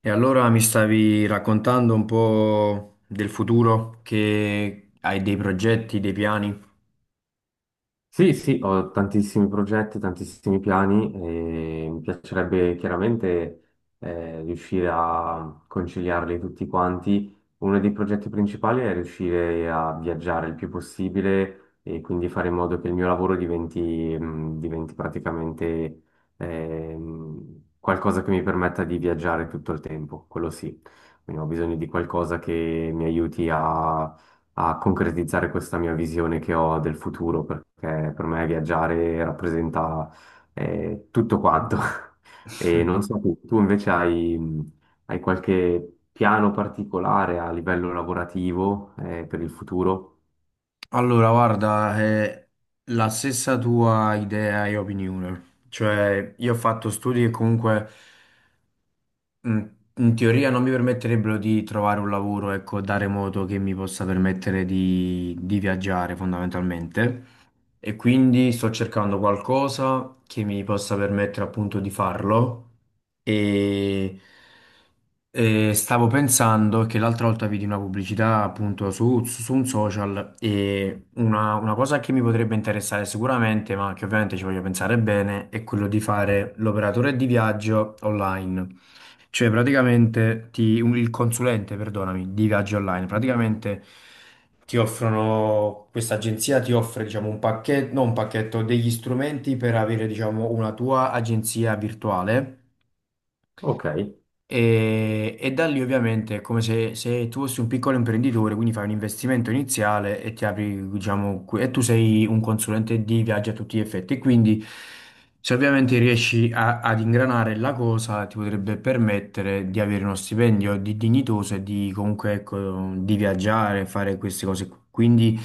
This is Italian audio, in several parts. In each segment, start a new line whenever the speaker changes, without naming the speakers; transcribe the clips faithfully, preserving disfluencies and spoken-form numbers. E allora mi stavi raccontando un po' del futuro, che hai dei progetti, dei piani?
Sì, sì, ho tantissimi progetti, tantissimi piani e mi piacerebbe chiaramente eh, riuscire a conciliarli tutti quanti. Uno dei progetti principali è riuscire a viaggiare il più possibile e quindi fare in modo che il mio lavoro diventi, mh, diventi praticamente ehm, qualcosa che mi permetta di viaggiare tutto il tempo, quello sì. Quindi ho bisogno di qualcosa che mi aiuti a concretizzare questa mia visione che ho del futuro, perché per me viaggiare rappresenta eh, tutto quanto. E non so, tu, tu invece hai, hai qualche piano particolare a livello lavorativo eh, per il futuro?
Allora, guarda, è la stessa tua idea e opinione. Cioè, io ho fatto studi che comunque Mm, in teoria non mi permetterebbero di trovare un lavoro, ecco, da remoto che mi possa permettere di, di viaggiare fondamentalmente. E quindi sto cercando qualcosa che mi possa permettere appunto di farlo. E, e stavo pensando che l'altra volta vidi una pubblicità appunto su, su un social e una, una cosa che mi potrebbe interessare sicuramente, ma che ovviamente ci voglio pensare bene, è quello di fare l'operatore di viaggio online. Cioè, praticamente ti- un- il consulente, perdonami, di viaggi online, praticamente ti offrono, questa agenzia ti offre, diciamo, un pacchetto, non un pacchetto, degli strumenti per avere, diciamo, una tua agenzia virtuale
Ok.
e, e da lì ovviamente è come se, se tu fossi un piccolo imprenditore, quindi fai un investimento iniziale e ti apri, diciamo, qui- e tu sei un consulente di viaggio a tutti gli effetti. Quindi se ovviamente riesci a- ad ingranare la cosa, ti potrebbe permettere di avere uno stipendio di dignitoso e di comunque, ecco, di viaggiare, fare queste cose. Qui. Quindi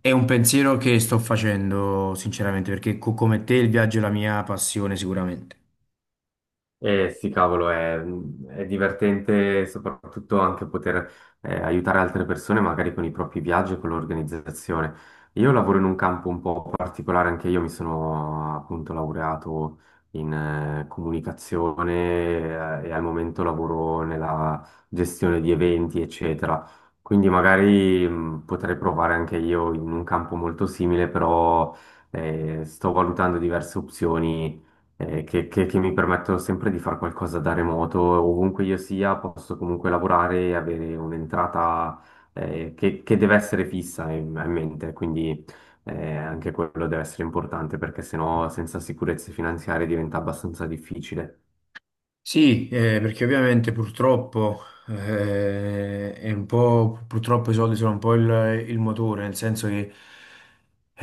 è un pensiero che sto facendo sinceramente, perché co- come te il viaggio è la mia passione sicuramente.
Eh sì, cavolo, è, è divertente soprattutto anche poter eh, aiutare altre persone magari con i propri viaggi e con l'organizzazione. Io lavoro in un campo un po' particolare, anche io mi sono appunto laureato in eh, comunicazione eh, e al momento lavoro nella gestione di eventi, eccetera. Quindi magari mh, potrei provare anche io in un campo molto simile, però eh, sto valutando diverse opzioni eh, che, che- che mi permettono sempre di fare qualcosa da remoto, ovunque io sia, posso comunque lavorare e avere un'entrata eh, che, che deve essere fissa in, in mente, quindi eh, anche quello deve essere importante perché sennò senza sicurezze finanziarie diventa abbastanza difficile.
Sì, eh, perché ovviamente purtroppo, eh, è un po', purtroppo i soldi sono un po' il, il motore, nel senso che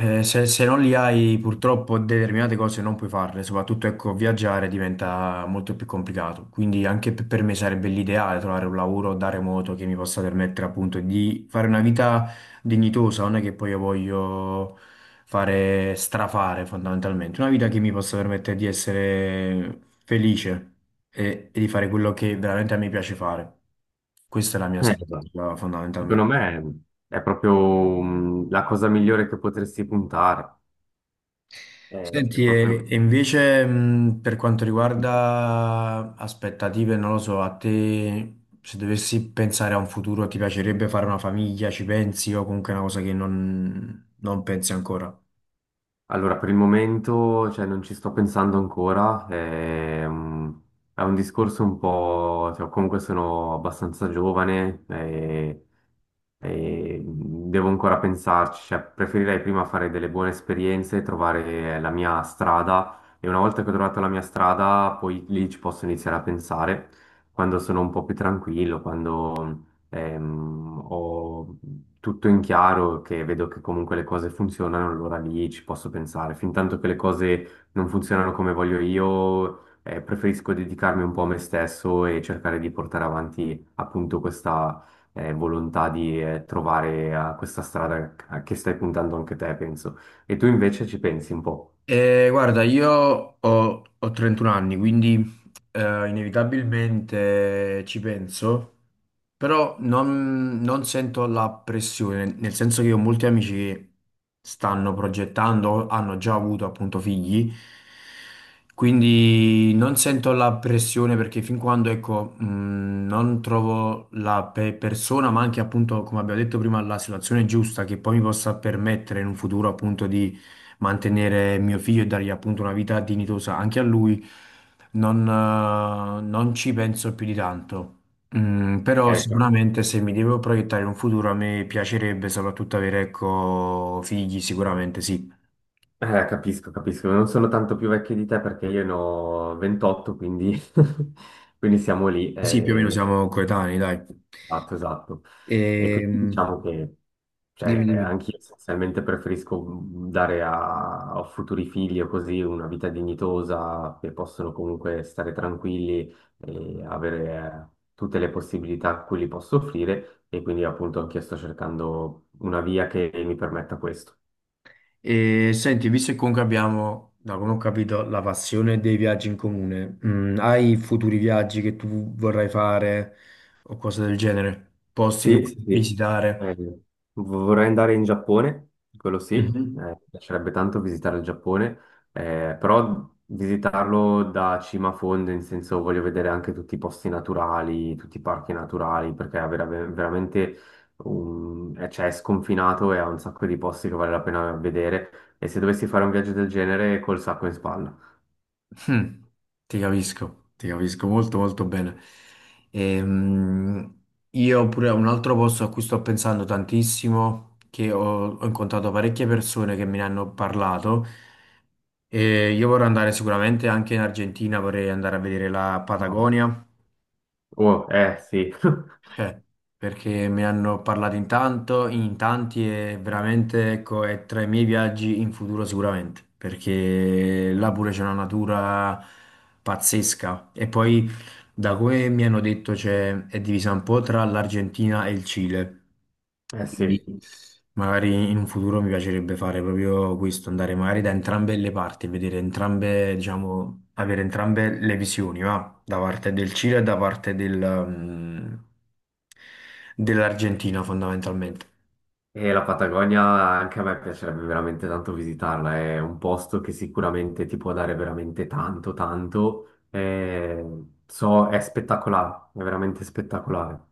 eh, se, se non li hai purtroppo determinate cose non puoi farle, soprattutto ecco, viaggiare diventa molto più complicato, quindi anche per per me sarebbe l'ideale trovare un lavoro da remoto che mi possa permettere appunto di fare una vita dignitosa, non è che poi io voglio fare strafare fondamentalmente, una vita che mi possa permettere di essere felice e, e di fare quello che veramente a me piace fare. Questa è la mia
Eh, esatto.
aspettativa
Secondo
fondamentalmente.
me è proprio mm, la cosa migliore che potresti puntare. Eh, è
Senti, e, e
proprio...
invece mh, per quanto
mm,
riguarda aspettative, non lo so, a te se dovessi pensare a un futuro ti piacerebbe fare una famiglia, ci pensi o comunque è una cosa che non non pensi ancora?
Allora, per il momento, cioè, non ci sto pensando ancora, è un, è un discorso un po', cioè, comunque sono abbastanza giovane, eh, e devo ancora pensarci, cioè preferirei prima fare delle buone esperienze, trovare la mia strada e una volta che ho trovato la mia strada, poi lì ci posso iniziare a pensare quando sono un po' più tranquillo, quando ehm, ho tutto in chiaro, che vedo che comunque le cose funzionano, allora lì ci posso pensare. Fintanto che le cose non funzionano come voglio io, eh, preferisco dedicarmi un po' a me stesso e cercare di portare avanti appunto questa eh, volontà di eh, trovare a questa strada a che stai puntando anche te, penso. E tu invece ci pensi un po'.
Eh, guarda, io ho, ho trentuno anni, quindi eh, inevitabilmente ci penso, però non, non sento la pressione, nel senso che ho molti amici che stanno progettando, hanno già avuto appunto figli, quindi non sento la pressione perché fin quando, ecco, mh, non trovo la pe- persona, ma anche appunto, come abbiamo detto prima, la situazione giusta che poi mi possa permettere in un futuro appunto di mantenere mio figlio e dargli appunto una vita dignitosa anche a lui, non, eh, non ci penso più di tanto. Mm, però
Ecco.
sicuramente se mi devo proiettare in un futuro a me piacerebbe soprattutto avere, ecco, figli, sicuramente sì.
Eh, capisco, capisco. Non sono tanto più vecchio di te perché io ne ho ventotto, quindi, quindi siamo lì.
Sì, più o meno
Eh,
siamo coetanei, dai.
esatto, esatto. E quindi
Ehm,
diciamo che...
dimmi,
Cioè,
dimmi.
anch'io essenzialmente preferisco dare a, a futuri figli o così una vita dignitosa, che possono comunque stare tranquilli e avere eh, tutte le possibilità a cui li posso offrire e quindi appunto anche io sto cercando una via che mi permetta questo.
E senti, visto che comunque abbiamo, da come ho capito, la passione dei viaggi in comune, mm, hai futuri viaggi che tu vorrai fare o cose del genere? Posti che
Sì,
vuoi
sì, sì.
visitare?
Eh, vorrei andare in Giappone, quello sì, eh,
Mhm.
mi piacerebbe tanto visitare il Giappone, eh, però visitarlo da cima a fondo, in senso voglio vedere anche tutti i posti naturali, tutti i parchi naturali, perché è vera- veramente un- eh, cioè, è sconfinato e ha un sacco di posti che vale la pena vedere. E se dovessi fare un viaggio del genere, col sacco in spalla.
Mm, ti capisco, ti capisco molto molto bene. Ehm, io pure un altro posto a cui sto pensando tantissimo, che ho, ho incontrato parecchie persone che me ne hanno parlato, e io vorrei andare sicuramente anche in Argentina, vorrei andare a vedere la Patagonia,
Oh, eh sì,
cioè, perché me ne hanno parlato in tanto, in tanti e veramente, ecco, è tra i miei viaggi in futuro sicuramente, perché là pure c'è una natura pazzesca. E poi, da come mi hanno detto, c'è, è divisa un po' tra l'Argentina e il Cile.
eh
Quindi
sì.
magari in un futuro mi piacerebbe fare proprio questo, andare magari da entrambe le parti, vedere entrambe, diciamo, avere entrambe le visioni, va? Da parte del Cile e da parte del, mm, dell'Argentina fondamentalmente.
E la Patagonia anche a me piacerebbe veramente tanto visitarla, è un posto che sicuramente ti può dare veramente tanto, tanto. Eh, so, è spettacolare, è veramente spettacolare.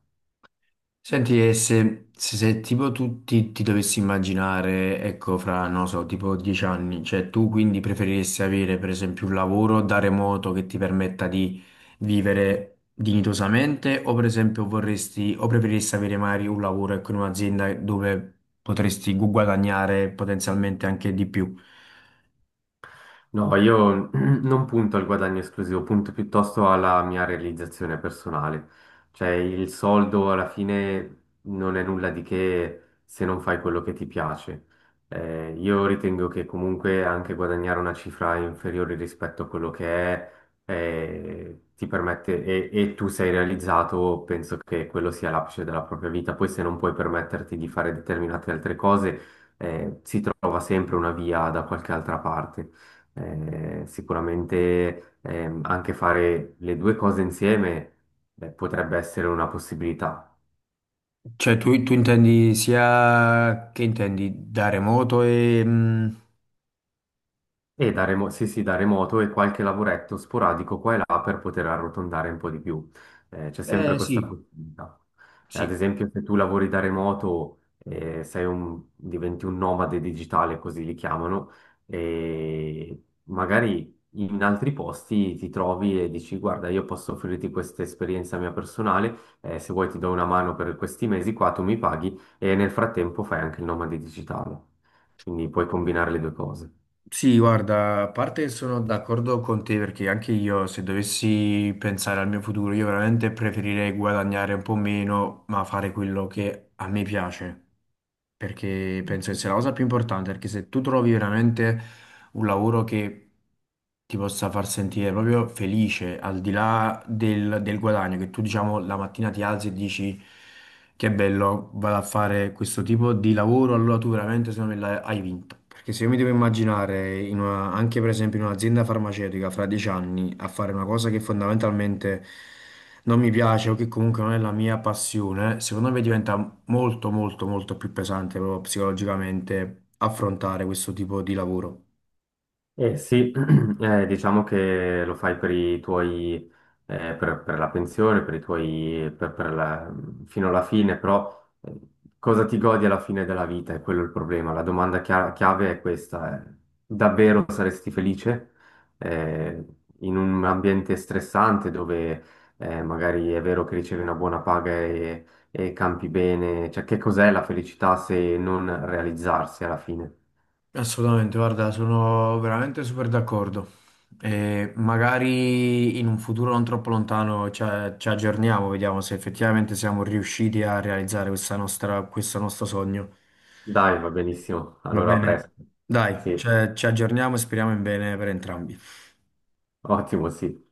Senti, e se, se- se tipo tu ti, ti dovessi immaginare, ecco, fra, non so, tipo dieci anni, cioè tu quindi preferiresti avere per esempio un lavoro da remoto che ti permetta di vivere dignitosamente o per esempio vorresti, o preferiresti avere magari un lavoro, ecco, in un'azienda dove potresti gu- guadagnare potenzialmente anche di più?
No, io non punto al guadagno esclusivo, punto piuttosto alla mia realizzazione personale. Cioè, il soldo alla fine non è nulla di che se non fai quello che ti piace. Eh, io ritengo che comunque anche guadagnare una cifra inferiore rispetto a quello che è, eh, ti permette, e, e tu sei realizzato, penso che quello sia l'apice della propria vita. Poi se non puoi permetterti di fare determinate altre cose, eh, si trova sempre una via da qualche altra parte. Eh, sicuramente ehm, anche fare le due cose insieme, beh, potrebbe essere una possibilità.
Cioè tu, tu intendi sia, che intendi, da remoto e... mm,
E da remo- sì, sì, da remoto e qualche lavoretto sporadico qua e là per poter arrotondare un po' di più. Eh, c'è sempre
eh
questa
sì,
possibilità. Eh, Ad
sì.
esempio, se tu lavori da remoto, eh, sei un- diventi un nomade digitale, così li chiamano, e magari in altri posti ti trovi e dici, guarda, io posso offrirti questa esperienza mia personale, eh, se vuoi ti do una mano per questi mesi qua, tu mi paghi e nel frattempo fai anche il nomade digitale. Quindi puoi combinare le due cose.
Sì, guarda, a parte sono d'accordo con te perché anche io se dovessi pensare al mio futuro, io veramente preferirei guadagnare un po' meno, ma fare quello che a me piace perché penso che sia la cosa più importante, perché se tu trovi veramente un lavoro che ti possa far sentire proprio felice, al di là del, del guadagno, che tu diciamo la mattina ti alzi e dici che bello, vado a fare questo tipo di lavoro, allora tu veramente secondo me l'hai- hai vinto. Perché se io mi devo immaginare, in una- anche per esempio in un'azienda farmaceutica fra dieci anni, a fare una cosa che fondamentalmente non mi piace o che comunque non è la mia passione, secondo me diventa molto, molto, molto più pesante proprio psicologicamente affrontare questo tipo di lavoro.
Eh sì, eh, diciamo che lo fai per i tuoi, eh, per, per la pensione, per i tuoi, per, per la- fino alla fine, però eh, cosa ti godi alla fine della vita? È quello il problema. La domanda chia- chiave è questa. Eh. Davvero saresti felice, eh, in un ambiente stressante dove, eh, magari è vero che ricevi una buona paga e, e campi bene? Cioè, che cos'è la felicità se non realizzarsi alla fine?
Assolutamente, guarda, sono veramente super d'accordo. E magari in un futuro non troppo lontano ci, ci aggiorniamo, vediamo se effettivamente siamo riusciti a realizzare questa nostra, questo nostro sogno.
Dai, va benissimo.
Va
Allora, a
bene?
presto.
Dai,
Sì,
ci ci aggiorniamo e speriamo in bene per entrambi.
ottimo, sì.